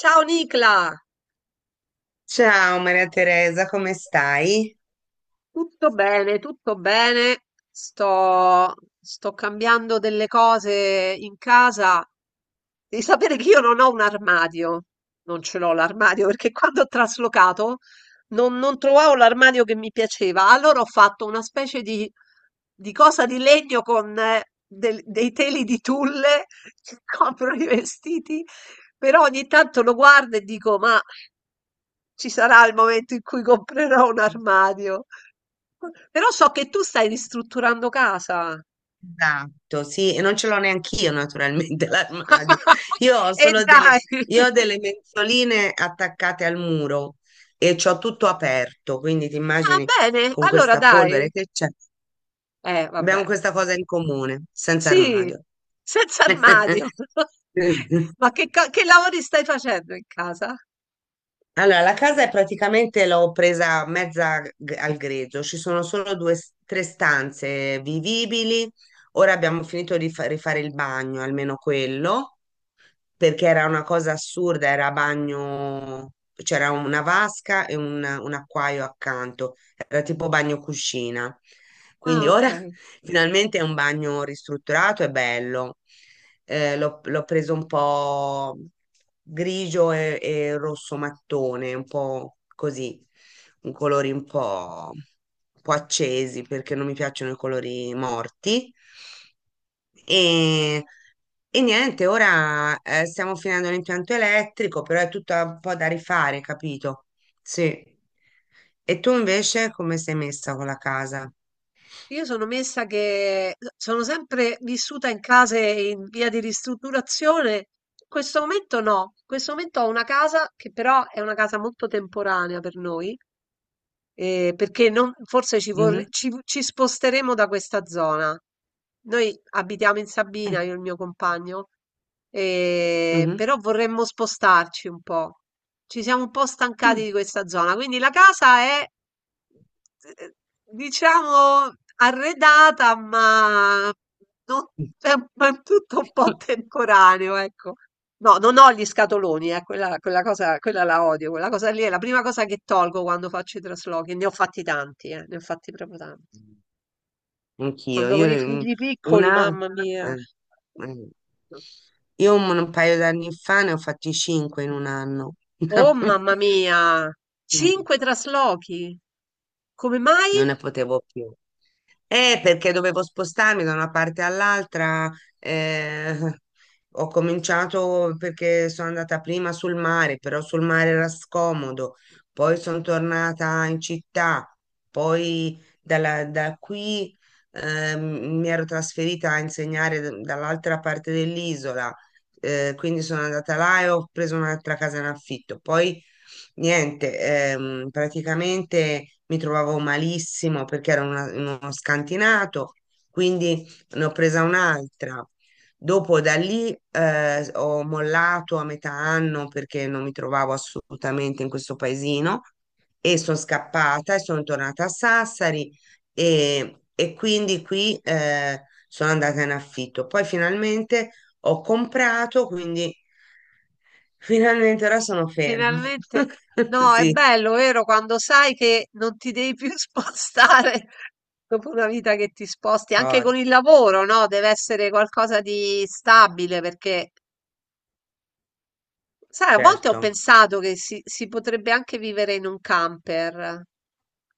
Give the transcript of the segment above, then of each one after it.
Ciao Nicla! Ciao Maria Teresa, come stai? Tutto bene, tutto bene. Sto, sto cambiando delle cose in casa. Devi sapere che io non ho un armadio. Non ce l'ho l'armadio perché quando ho traslocato non trovavo l'armadio che mi piaceva. Allora ho fatto una specie di cosa di legno con dei teli di tulle che coprono i vestiti. Però ogni tanto lo guardo e dico, ma ci sarà il momento in cui comprerò un armadio. Però so che tu stai ristrutturando casa. Esatto, sì, e non ce l'ho neanch'io naturalmente l'armadio. Io ho E solo delle, dai! io ho delle mensoline attaccate al muro e c'ho tutto aperto, quindi ti Ah, immagini bene, con allora questa polvere dai. che c'è. Abbiamo Vabbè. questa cosa in comune, senza Sì, armadio. senza armadio. Ma che, che lavori stai facendo in casa? Allora, la casa è praticamente l'ho presa mezza g- al grezzo, ci sono solo tre stanze vivibili. Ora abbiamo finito di rifare il bagno, almeno quello, perché era una cosa assurda, era bagno, c'era una vasca e un acquaio accanto, era tipo bagno cuscina. Quindi Ah, ok. ora finalmente è un bagno ristrutturato e bello. L'ho preso un po' grigio e rosso mattone, un po' così, un colori un po' accesi perché non mi piacciono i colori morti. E, e niente, ora stiamo finendo l'impianto elettrico, però è tutto un po' da rifare, capito? Sì. E tu invece come sei messa con la casa? Io sono messa che sono sempre vissuta in case in via di ristrutturazione. In questo momento no. In questo momento ho una casa che però è una casa molto temporanea per noi. Perché non forse Mhm. ci sposteremo da questa zona. Noi abitiamo in Sabina, Mm. io e il mio compagno, Mhm. però vorremmo spostarci un po'. Ci siamo un po' stancati Mm. di questa zona, quindi la casa è, eh, diciamo, arredata, ma non- è, è tutto un po' temporaneo, ecco. No, non ho gli scatoloni, quella cosa, quella la odio, quella cosa lì è la prima cosa che tolgo quando faccio i traslochi, ne ho fatti tanti, ne ho fatti proprio tanti. Anch'io, Quando avevo i figli piccoli, una... mamma mia. eh, eh. Io un paio d'anni fa ne ho fatti cinque in un anno. Oh, mamma mia! Non Cinque traslochi. Come mai? ne potevo più. Perché dovevo spostarmi da una parte all'altra. eh, Ho cominciato perché sono andata prima sul mare, però sul mare era scomodo. Poi sono tornata in città. Da qui mi ero trasferita a insegnare dall'altra parte dell'isola. Quindi sono andata là e ho preso un'altra casa in affitto. Poi niente, praticamente mi trovavo malissimo perché ero in uno scantinato, quindi ne ho presa un'altra. Dopo da lì ho mollato a metà anno perché non mi trovavo assolutamente in questo paesino, e sono scappata e sono tornata a Sassari e quindi qui sono andata in affitto. Poi finalmente ho comprato, quindi finalmente ora sono ferma. Finalmente. No, è Sì, bello, vero? Quando sai che non ti devi più spostare dopo una vita che ti sposti, anche oh, con il lavoro, no? Deve essere qualcosa di stabile perché. Sai, a volte ho certo. pensato che si potrebbe anche vivere in un camper,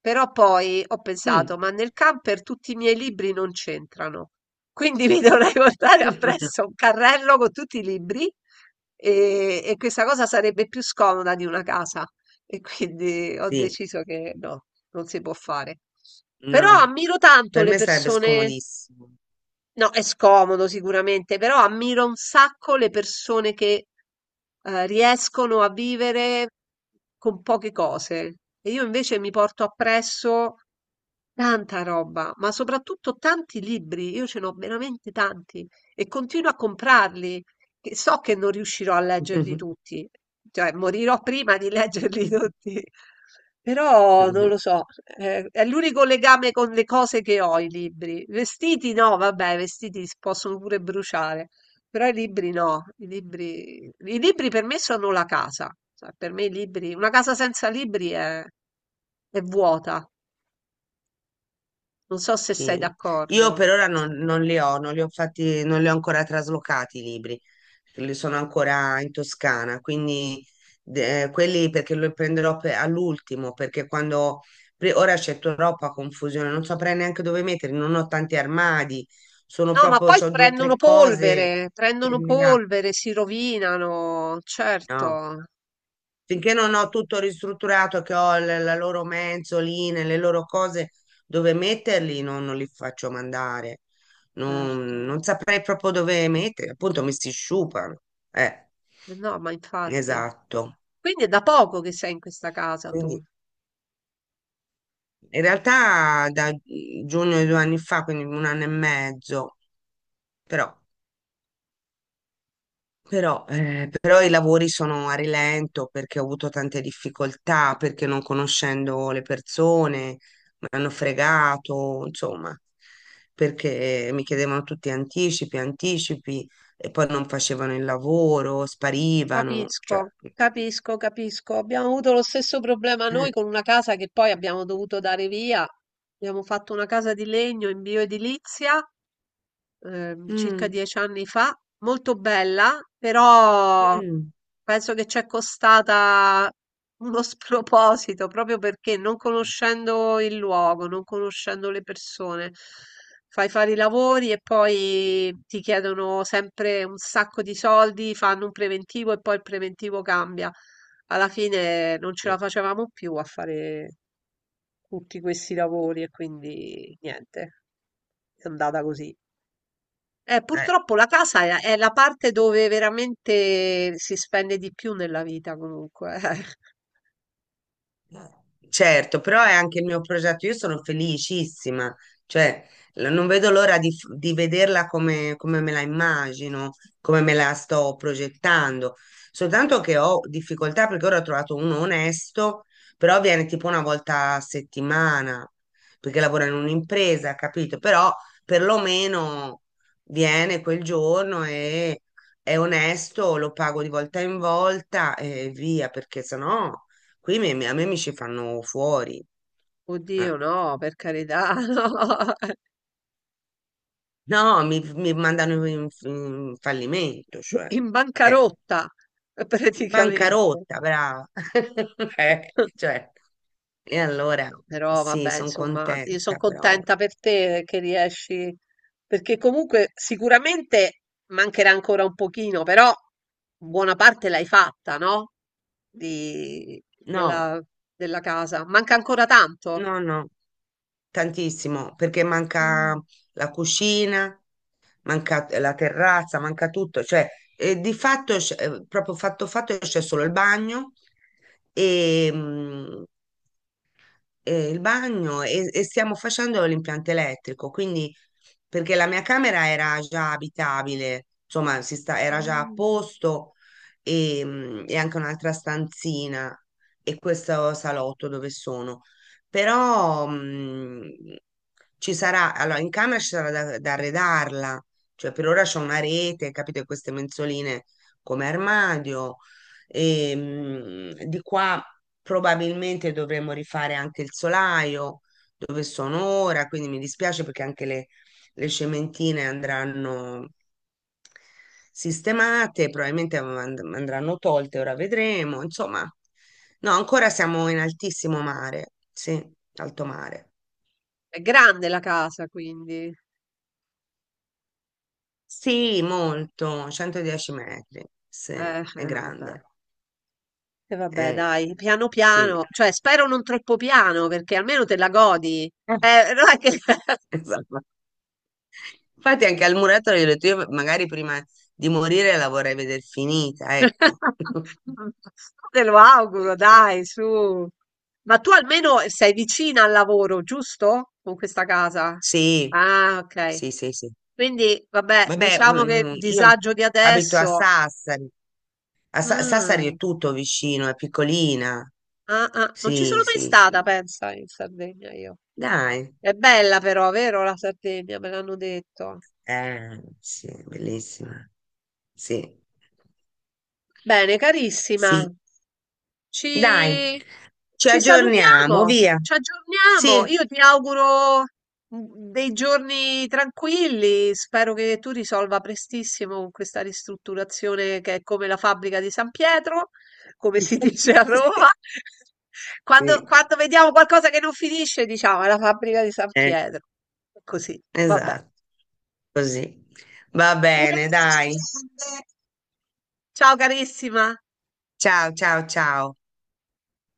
però poi ho Mm. pensato, ma nel camper tutti i miei libri non c'entrano, quindi mi dovrei portare appresso un carrello con tutti i libri e questa cosa sarebbe più scomoda di una casa. E quindi ho Sì, deciso che no, non si può fare. Però no, ammiro tanto per le me sarebbe persone. scomodissimo. No, è scomodo sicuramente, però ammiro un sacco le persone che riescono a vivere con poche cose. E io invece mi porto appresso tanta roba, ma soprattutto tanti libri. Io ce n'ho veramente tanti e continuo a comprarli, che so che non riuscirò a leggerli tutti, cioè morirò prima di leggerli tutti. Però non lo so, è l'unico legame con le cose che ho, i libri. Vestiti no, vabbè, i vestiti si possono pure bruciare, però i libri no, i libri per me sono la casa. Cioè, per me i libri, una casa senza libri è vuota. Non so se sei Sì. d'accordo. Io per ora non li ho, non li ho ancora traslocati i libri, li sono ancora in Toscana, quindi quelli perché li prenderò all'ultimo, perché quando ora c'è troppa confusione, non saprei neanche dove metterli, non ho tanti armadi, sono No, ma proprio, poi ho due o tre cose prendono terminate. polvere, si rovinano, No? certo, Finché non ho tutto ristrutturato, che ho la loro mensoline, le loro cose dove metterli, non li faccio mandare. Certo. Non saprei proprio dove metterli, appunto mi si sciupano. Eh, No, ma infatti. esatto. Quindi è da poco che sei in questa casa tu. Quindi in realtà da giugno di due anni fa, quindi un anno e mezzo, però però, però i lavori sono a rilento perché ho avuto tante difficoltà, perché non conoscendo le persone mi hanno fregato, insomma, perché mi chiedevano tutti anticipi, anticipi, e poi non facevano il lavoro, sparivano, cioè, Capisco, non ti dico. capisco, capisco. Abbiamo avuto lo stesso problema noi Eh. con una casa che poi abbiamo dovuto dare via. Abbiamo fatto una casa di legno in bioedilizia circa Mm. 10 anni fa, molto bella, però Mm. penso che ci è costata uno sproposito proprio perché non conoscendo il luogo, non conoscendo le persone, fai fare i lavori e poi ti chiedono sempre un sacco di soldi, fanno un preventivo e poi il preventivo cambia. Alla fine non ce la Mm. facevamo più a fare tutti questi lavori e quindi niente, è andata così. Eh. Purtroppo la casa è la parte dove veramente si spende di più nella vita, comunque. Certo, però è anche il mio progetto. Io sono felicissima, cioè, non vedo l'ora di vederla come, come me la immagino, come me la sto progettando. Soltanto che ho difficoltà perché ora ho trovato uno onesto, però viene tipo una volta a settimana, perché lavora in un'impresa, capito? Però perlomeno viene quel giorno e è onesto, lo pago di volta in volta e via, perché sennò qui a me mi ci fanno fuori. Oddio, Ah. no, per carità, no. No, mi mandano in fallimento, cioè. In Eh, bancarotta, praticamente. bancarotta, brava. Cioè, e allora Però sì, vabbè, sono insomma, io sono contenta però. contenta per te che riesci, perché comunque sicuramente mancherà ancora un pochino, però buona parte l'hai fatta, no? Di- No, della, della casa. Manca ancora tanto. no, no, tantissimo, perché manca Mm. la cucina, manca la terrazza, manca tutto, cioè di fatto, proprio fatto fatto, c'è solo il bagno e il bagno, e stiamo facendo l'impianto elettrico, quindi perché la mia camera era già abitabile, insomma, era già a Mh. posto e anche un'altra stanzina e questo salotto dove sono. Però ci sarà, allora in camera ci sarà da arredarla, cioè per ora c'è una rete, capite, queste mensoline come armadio. Di qua probabilmente dovremmo rifare anche il solaio dove sono ora, quindi mi dispiace perché anche le cementine andranno sistemate, probabilmente andranno tolte, ora vedremo. Insomma, no, ancora siamo in altissimo mare, sì, alto mare. È grande la casa quindi. Sì, molto, 110 metri, sì, è Vabbè. grande. E vabbè Eh, dai, piano sì. piano, cioè spero non troppo piano perché almeno te la godi. Eh, non è che esatto. Infatti anche al muratore gli ho detto, io magari prima di morire la vorrei vedere finita, ecco. te lo auguro dai, su. Ma tu almeno sei vicina al lavoro, giusto? Con questa casa? Sì, Ah, okay. sì, sì, sì. Quindi vabbè, Vabbè, diciamo che io disagio di abito a adesso Sassari. Ah, Sassari è tutto vicino, è piccolina. ah, ah, non ci Sì, sono mai sì, stata sì. pensa in Sardegna io. Dai. È bella però, vero la Sardegna, me l'hanno detto. Sì, è bellissima. Sì, Bene, carissima, sì. Dai, ci, ci ci aggiorniamo, salutiamo, via. ci aggiorniamo. Sì. Io ti auguro dei giorni tranquilli. Spero che tu risolva prestissimo questa ristrutturazione che è come la fabbrica di San Pietro, come si dice a Roma. Quando, Sì, quando vediamo qualcosa che non finisce, diciamo, è la fabbrica di San eh, Pietro. Così, vabbè. esatto. Così. Va Un bene, abbraccio dai. grande. Ciao carissima! Ciao, ciao, ciao.